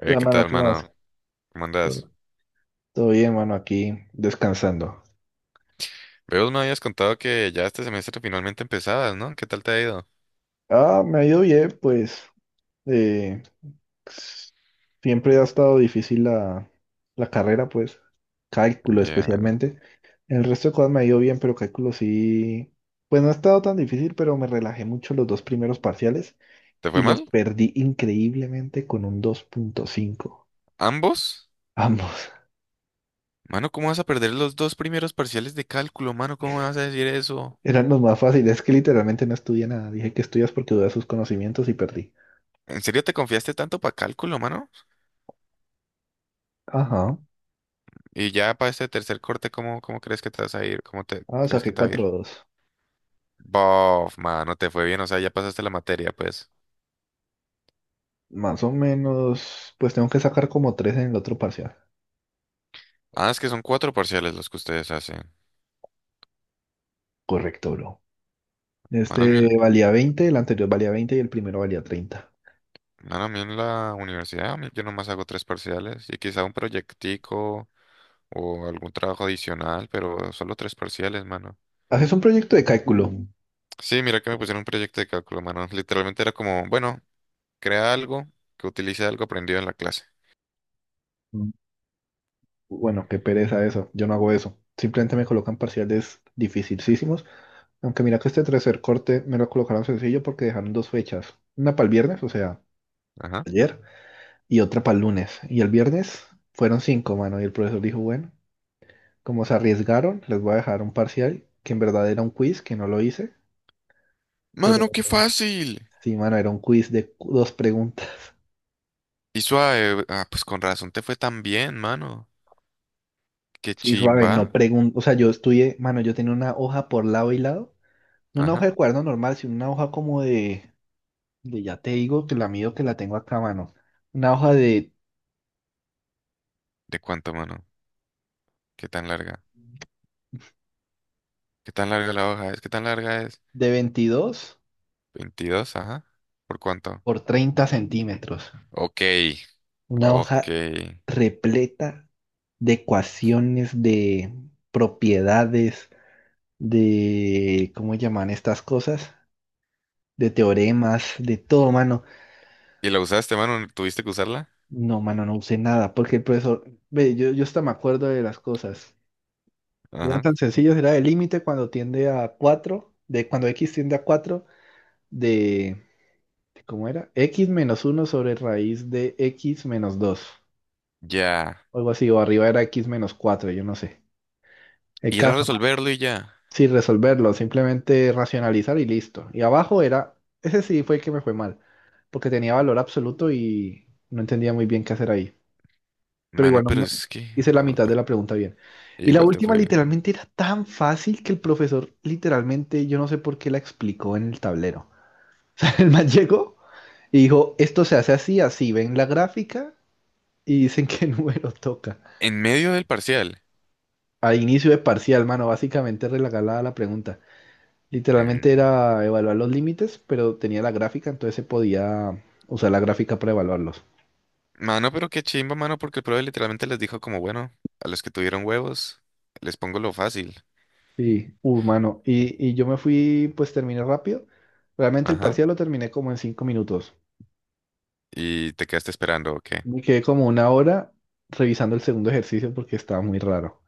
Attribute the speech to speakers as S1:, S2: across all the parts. S1: La
S2: ¿Qué
S1: mano,
S2: tal,
S1: ¿qué más?
S2: mano? ¿Cómo andas?
S1: Todo bien, mano, aquí descansando.
S2: Veo, me habías contado que ya este semestre finalmente empezabas, ¿no? ¿Qué tal te ha ido?
S1: Ah, me ha ido bien, pues. eh, Siempre ha estado difícil la carrera, pues. Cálculo
S2: Ya.
S1: especialmente. El resto de cosas me ha ido bien, pero cálculo sí. Pues no ha estado tan difícil, pero me relajé mucho los dos primeros parciales
S2: ¿Te fue
S1: y los
S2: mal?
S1: perdí increíblemente con un 2,5.
S2: ¿Ambos?
S1: Ambos.
S2: Mano, ¿cómo vas a perder los dos primeros parciales de cálculo, mano? ¿Cómo vas a decir eso?
S1: Eran los más fáciles. Es que literalmente no estudié nada. Dije que estudias porque dudé de sus conocimientos y perdí.
S2: ¿En serio te confiaste tanto para cálculo, mano?
S1: Ajá.
S2: Y ya para este tercer corte, ¿cómo crees que te vas a ir? ¿Cómo te
S1: Ah,
S2: crees que
S1: saqué
S2: te va a ir?
S1: 4,2.
S2: Bof, mano, te fue bien, o sea, ya pasaste la materia, pues.
S1: Más o menos, pues tengo que sacar como tres en el otro parcial.
S2: Ah, es que son cuatro parciales los que ustedes hacen.
S1: Correcto, bro.
S2: Mano,
S1: Este valía 20, el anterior valía 20 y el primero valía 30.
S2: bueno, a mí en la universidad, a mí yo nomás hago tres parciales y quizá un proyectico o algún trabajo adicional, pero solo tres parciales, mano.
S1: Haces un proyecto de cálculo.
S2: Sí, mira que me pusieron un proyecto de cálculo, mano. Literalmente era como, bueno, crea algo que utilice algo aprendido en la clase.
S1: Mm. Bueno, qué pereza eso. Yo no hago eso. Simplemente me colocan parciales dificilísimos. Aunque mira que este tercer corte me lo colocaron sencillo porque dejaron dos fechas. Una para el viernes, o sea,
S2: Ajá.
S1: ayer, y otra para el lunes. Y el viernes fueron cinco, mano. Y el profesor dijo, bueno, como se arriesgaron, les voy a dejar un parcial que en verdad era un quiz, que no lo hice. Pero
S2: Mano, qué fácil.
S1: sí, mano, era un quiz de dos preguntas.
S2: Y suave. Ah, pues con razón te fue tan bien, mano. Qué
S1: Sí, suave, no
S2: chimba.
S1: pregunto. O sea, yo estudié, mano, yo tenía una hoja por lado y lado. No una hoja
S2: Ajá.
S1: de cuaderno normal, sino una hoja como de ya te digo que la mido que la tengo acá, mano. Una hoja de,
S2: ¿De cuánto, mano? ¿Qué tan larga? ¿Qué tan larga la hoja es? ¿Qué tan larga es?
S1: de veintidós
S2: 22, ajá. ¿Por cuánto?
S1: por treinta centímetros.
S2: Ok,
S1: Una
S2: ok.
S1: hoja repleta de ecuaciones, de propiedades, ¿cómo llaman estas cosas? De teoremas, de todo, mano.
S2: ¿Y la usaste, mano? ¿Tuviste que usarla?
S1: No, mano, no usé nada, porque el profesor, ve, yo hasta me acuerdo de las cosas. Eran
S2: Ajá.
S1: tan sencillos, era el límite cuando tiende a 4, de cuando x tiende a 4, de, de ¿cómo era? X menos uno sobre raíz de x menos 2,
S2: Ya.
S1: o algo así, o arriba era x menos 4, yo no sé. El
S2: Ir a
S1: caso, mano.
S2: resolverlo y ya.
S1: Sí, resolverlo, simplemente racionalizar y listo. Y abajo era, ese sí fue el que me fue mal, porque tenía valor absoluto y no entendía muy bien qué hacer ahí. Pero
S2: Mano,
S1: igual no
S2: pero es que...
S1: hice la
S2: ah,
S1: mitad de
S2: pe-
S1: la pregunta bien. Y la
S2: Igual te
S1: última
S2: fue bien.
S1: literalmente era tan fácil que el profesor literalmente, yo no sé por qué la explicó en el tablero. O sea, el man llegó y dijo, esto se hace así, así, ven la gráfica y dicen qué número toca.
S2: En medio del parcial.
S1: A inicio de parcial, mano, básicamente regalada la pregunta. Literalmente
S2: Mm.
S1: era evaluar los límites, pero tenía la gráfica, entonces se podía usar la gráfica para evaluarlos.
S2: Mano, pero qué chimba, mano, porque el profe literalmente les dijo como, bueno, a los que tuvieron huevos, les pongo lo fácil.
S1: Sí, humano. Y yo me fui, pues terminé rápido. Realmente el
S2: Ajá.
S1: parcial lo terminé como en 5 minutos.
S2: Y te quedaste esperando, ok.
S1: Me quedé como 1 hora revisando el segundo ejercicio porque estaba muy raro.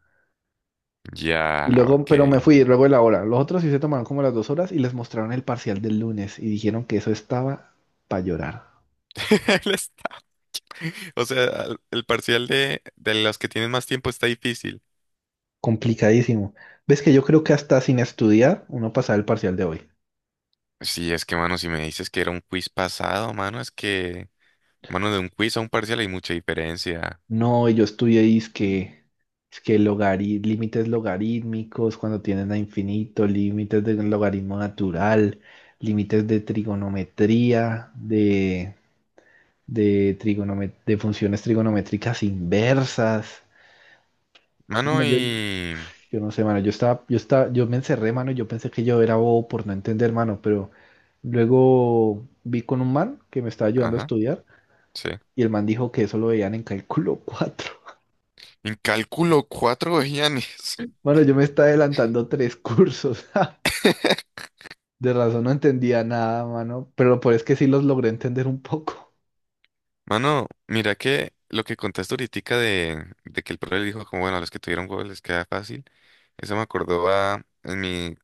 S2: Ya,
S1: Y luego,
S2: ok.
S1: pero me fui luego de la hora. Los otros sí se tomaron como las 2 horas y les mostraron el parcial del lunes y dijeron que eso estaba para llorar.
S2: Él está- O sea, el parcial de los que tienen más tiempo está difícil.
S1: Complicadísimo. Ves que yo creo que hasta sin estudiar uno pasaba el parcial de hoy.
S2: Sí, es que, mano, si me dices que era un quiz pasado, mano, es que... Mano, de un quiz a un parcial hay mucha diferencia.
S1: No, yo estudié es que límites logarítmicos, cuando tienen a infinito, límites de logaritmo natural, límites de trigonometría, de de funciones trigonométricas inversas.
S2: Mano,
S1: Mano, yo,
S2: y...
S1: yo no sé, mano, yo me encerré, mano, yo pensé que yo era bobo por no entender, mano, pero luego vi con un man que me estaba ayudando a
S2: Ajá,
S1: estudiar
S2: sí.
S1: y el man dijo que eso lo veían en cálculo 4.
S2: En cálculo, cuatro vejianes.
S1: Bueno, yo me estaba adelantando tres cursos. Ja. De razón no entendía nada, mano. Pero por es que sí los logré entender un poco.
S2: Mano, mira que lo que contaste ahorita de que el profe le dijo como, bueno, a los que tuvieron huevos les queda fácil. Eso me acordó a... En mi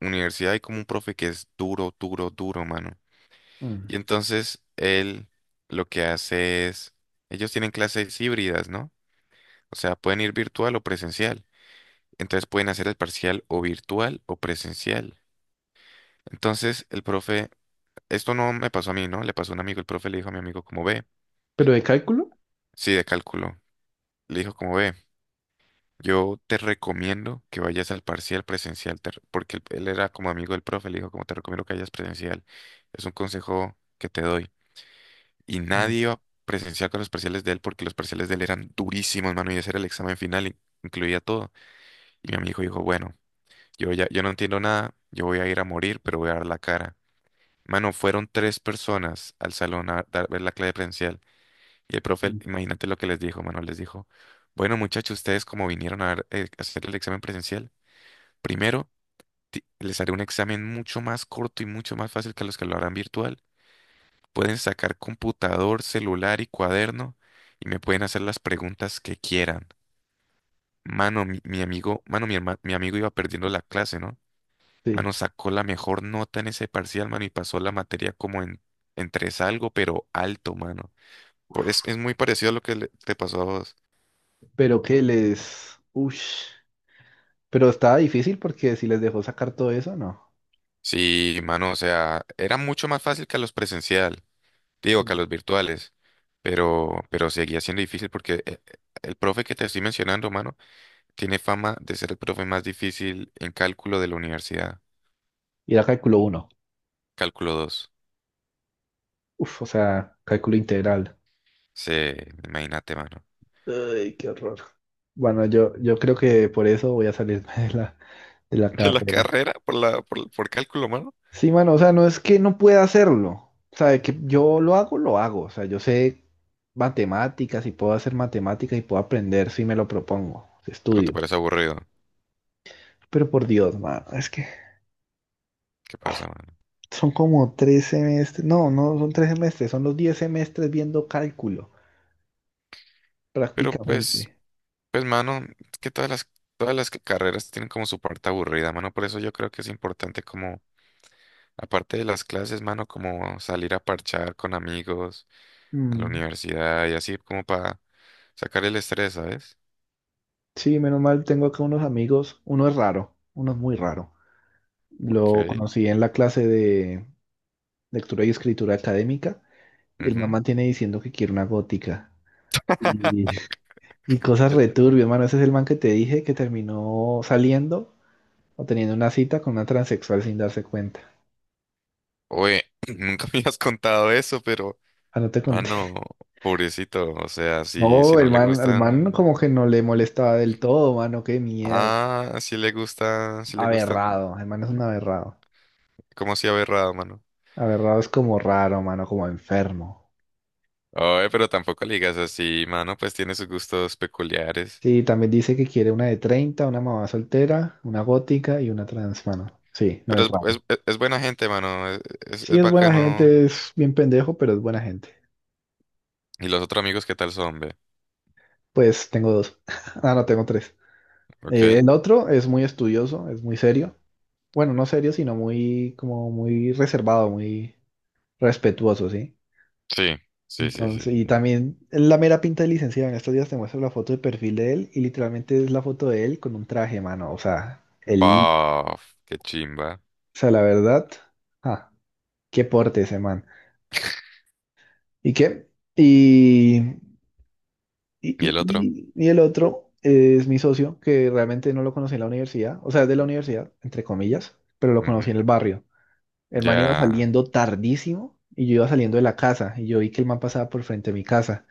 S2: universidad hay como un profe que es duro, duro, duro, mano. Y
S1: Mm.
S2: entonces él lo que hace es... Ellos tienen clases híbridas, ¿no? O sea, pueden ir virtual o presencial. Entonces pueden hacer el parcial o virtual o presencial. Entonces el profe, esto no me pasó a mí, ¿no? Le pasó a un amigo, el profe le dijo a mi amigo como ve,
S1: ¿Pero de cálculo?
S2: sí, de cálculo. Le dijo como ve, yo te recomiendo que vayas al parcial presencial, porque él era como amigo del profe, le dijo como te recomiendo que vayas presencial. Es un consejo que te doy. Y
S1: Mm,
S2: nadie iba presencial con los parciales de él porque los parciales de él eran durísimos, mano, y ese era el examen final, incluía todo. Y mi amigo dijo, bueno, yo ya, yo no entiendo nada, yo voy a ir a morir, pero voy a dar la cara. Mano, fueron tres personas al salón a dar, ver la clase presencial. Y el profe,
S1: mm.
S2: imagínate lo que les dijo, mano, les dijo, bueno, muchachos, ustedes como vinieron a ver, a hacer el examen presencial, primero les haré un examen mucho más corto y mucho más fácil que los que lo harán virtual. Pueden sacar computador, celular y cuaderno y me pueden hacer las preguntas que quieran. Mano, mi amigo, mano, mi amigo iba perdiendo la clase, ¿no?
S1: Sí.
S2: Mano, sacó la mejor nota en ese parcial, mano, y pasó la materia como en tres algo, pero alto, mano. Es muy parecido a lo que te pasó a vos.
S1: Pero que les. Ush. Pero estaba difícil porque si les dejó sacar todo eso, no.
S2: Sí, mano, o sea, era mucho más fácil que a los presencial, digo, que a
S1: Mm.
S2: los virtuales, pero seguía siendo difícil porque el profe que te estoy mencionando, mano, tiene fama de ser el profe más difícil en cálculo de la universidad.
S1: Y era cálculo uno.
S2: Cálculo dos.
S1: Uf, o sea, cálculo integral.
S2: Sí, imagínate, mano.
S1: Ay, qué horror. Bueno, yo creo que por eso voy a salirme de de la
S2: De la
S1: carrera.
S2: carrera por cálculo, mano.
S1: Sí, mano, o sea, no es que no pueda hacerlo. O sea, de que yo lo hago, lo hago. O sea, yo sé matemáticas y puedo hacer matemáticas y puedo aprender si me lo propongo, si
S2: Pero te
S1: estudio.
S2: parece aburrido.
S1: Pero por Dios, mano, es que
S2: ¿Qué pasa, mano?
S1: son como 3 semestres. No, no son 3 semestres, son los 10 semestres viendo cálculo,
S2: Pero pues,
S1: prácticamente.
S2: pues mano, es que todas las carreras tienen como su parte aburrida, mano. Por eso yo creo que es importante como, aparte de las clases, mano, como salir a parchar con amigos en la
S1: Mm,
S2: universidad y así como para sacar el estrés, ¿sabes?
S1: Sí, menos mal, tengo acá unos amigos. Uno es raro, uno es muy raro. Lo
S2: Ok.
S1: conocí en la clase de lectura y escritura académica y el
S2: Ujú.
S1: mamá tiene diciendo que quiere una gótica. Y, y cosas
S2: Eh,
S1: returbio, hermano. Ese es el man que te dije que terminó saliendo o teniendo una cita con una transexual sin darse cuenta.
S2: Oye, nunca me has contado eso, pero,
S1: Ah, no te conté.
S2: mano, pobrecito, o sea, si
S1: No,
S2: no
S1: el
S2: le
S1: man, el man como
S2: gustan...
S1: que no le molestaba del todo, mano. Qué miedo.
S2: Ah, si le gustan, si le gustan,
S1: Aberrado. El man es un aberrado.
S2: como si aberrado, mano.
S1: Aberrado es como raro, mano, como enfermo.
S2: Oye, pero tampoco le digas así, mano, pues tiene sus gustos peculiares.
S1: Sí, también dice que quiere una de 30, una mamá soltera, una gótica y una trans, mano. Sí, no
S2: Pero
S1: es
S2: es,
S1: raro.
S2: es, es- es buena gente, mano, es, es,
S1: Sí,
S2: es
S1: es buena
S2: bacano.
S1: gente, es bien pendejo, pero es buena gente.
S2: ¿Y los otros amigos qué tal son, ve?
S1: Pues tengo dos. Ah, no, tengo tres.
S2: ¿Ok?
S1: El otro es muy estudioso, es muy serio. Bueno, no serio, sino muy, como muy reservado, muy respetuoso, ¿sí?
S2: Sí, sí, sí, sí.
S1: Entonces, y
S2: Sí.
S1: también la mera pinta de licenciado. En estos días te muestro la foto de perfil de él y literalmente es la foto de él con un traje, mano. O sea,
S2: Baf, qué chimba.
S1: o sea, la verdad, ah, qué porte ese man. ¿Y qué? Y, y,
S2: ¿Y
S1: y,
S2: el otro?
S1: y- y el otro es mi socio, que realmente no lo conocí en la universidad, o sea, es de la universidad, entre comillas, pero lo conocí
S2: Ujú.
S1: en el barrio. El man iba
S2: ¿Ya
S1: saliendo tardísimo y yo iba saliendo de la casa y yo vi que el man pasaba por frente a mi casa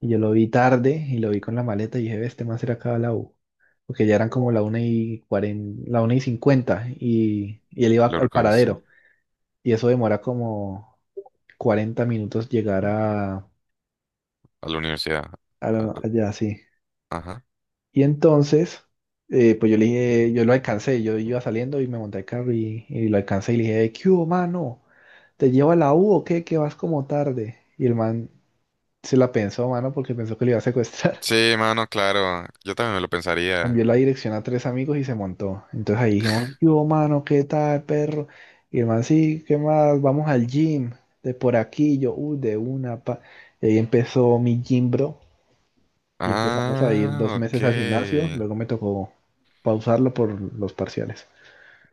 S1: y yo lo vi tarde y lo vi con la maleta y dije: "Ve, este man será acá a la U". Porque ya eran como la 1:40, la 1:50 y él iba
S2: lo
S1: al
S2: recogiste?
S1: paradero y eso demora como 40 minutos llegar
S2: A la universidad. A-
S1: allá, sí.
S2: Ajá.
S1: Y entonces, pues yo le dije, yo lo alcancé, yo iba saliendo y me monté al carro y lo alcancé y le dije, ¿qué hubo, mano? ¿Te llevo a la U o qué? Que vas como tarde. Y el man se la pensó, mano, porque pensó que le iba a secuestrar.
S2: Sí, mano, claro. Yo también me lo pensaría.
S1: Envió la dirección a tres amigos y se montó. Entonces ahí dijimos, yo, mano, ¿qué tal, perro? Y el man, sí, ¿qué más? Vamos al gym, de por aquí, yo, uy, de una, pa. Y ahí empezó mi gym, bro. Y empezamos a ir dos
S2: Ah, ok.
S1: meses al gimnasio. Luego me tocó pausarlo por los parciales.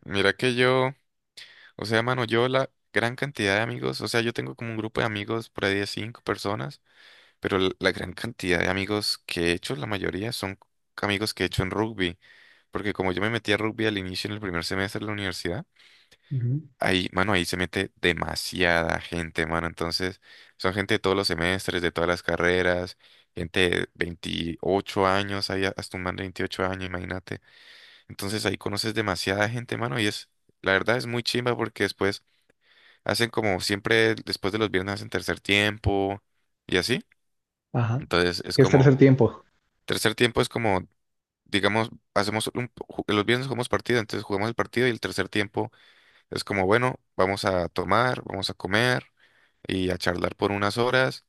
S2: Mira que yo. O sea, mano, yo la gran cantidad de amigos, o sea, yo tengo como un grupo de amigos por ahí de cinco personas, pero la gran cantidad de amigos que he hecho, la mayoría son amigos que he hecho en rugby, porque como yo me metí a rugby al inicio en el primer semestre de la universidad,
S1: Ujú.
S2: ahí, mano, ahí se mete demasiada gente, mano, entonces son gente de todos los semestres, de todas las carreras, gente de 28 años, ahí hasta un man de 28 años, imagínate, entonces ahí conoces demasiada gente, mano, y es, la verdad es muy chimba porque después hacen como siempre, después de los viernes hacen tercer tiempo y así.
S1: Ajá.
S2: Entonces
S1: ¿Qué
S2: es
S1: es
S2: como,
S1: tercer tiempo?
S2: tercer tiempo es como, digamos, hacemos un, los viernes jugamos partido, entonces jugamos el partido y el tercer tiempo es como, bueno, vamos a tomar, vamos a comer y a charlar por unas horas.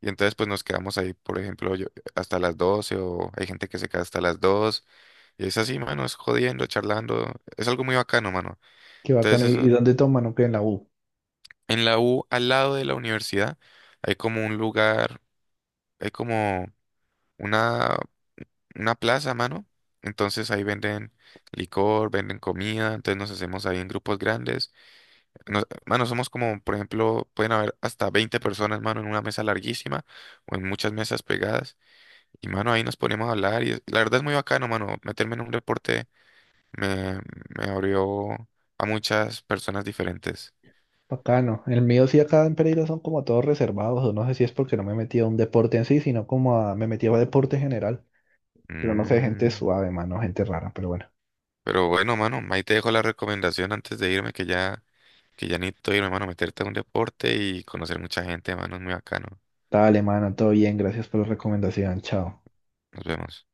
S2: Y entonces pues nos quedamos ahí, por ejemplo, yo, hasta las 12 o hay gente que se queda hasta las 2 y es así, mano, es jodiendo, charlando, es algo muy bacano, mano.
S1: Qué
S2: Entonces
S1: bacano. ¿Y
S2: eso,
S1: dónde toman o qué en la U?
S2: en la U, al lado de la universidad, hay como un lugar hay como una, una plaza, mano. Entonces ahí venden licor, venden comida, entonces nos hacemos ahí en grupos grandes. Mano, somos como, por ejemplo, pueden haber hasta 20 personas, mano, en una mesa larguísima o en muchas mesas pegadas. Y, mano, ahí nos ponemos a hablar y la verdad es muy bacano, mano. Meterme en un deporte me, me abrió a muchas personas diferentes.
S1: Bacano. El mío sí acá en Pereira son como todos reservados, o no sé si es porque no me he metido a un deporte en sí, sino como me metí a deporte general. Pero no sé, gente
S2: Mm.
S1: suave, mano, gente rara, pero bueno.
S2: Pero bueno, mano, ahí te dejo la recomendación antes de irme que ya... Que ya necesito irme, mano, meterte a un deporte y conocer mucha gente, mano, es muy bacano.
S1: Dale, mano, todo bien, gracias por la recomendación, chao.
S2: Nos vemos.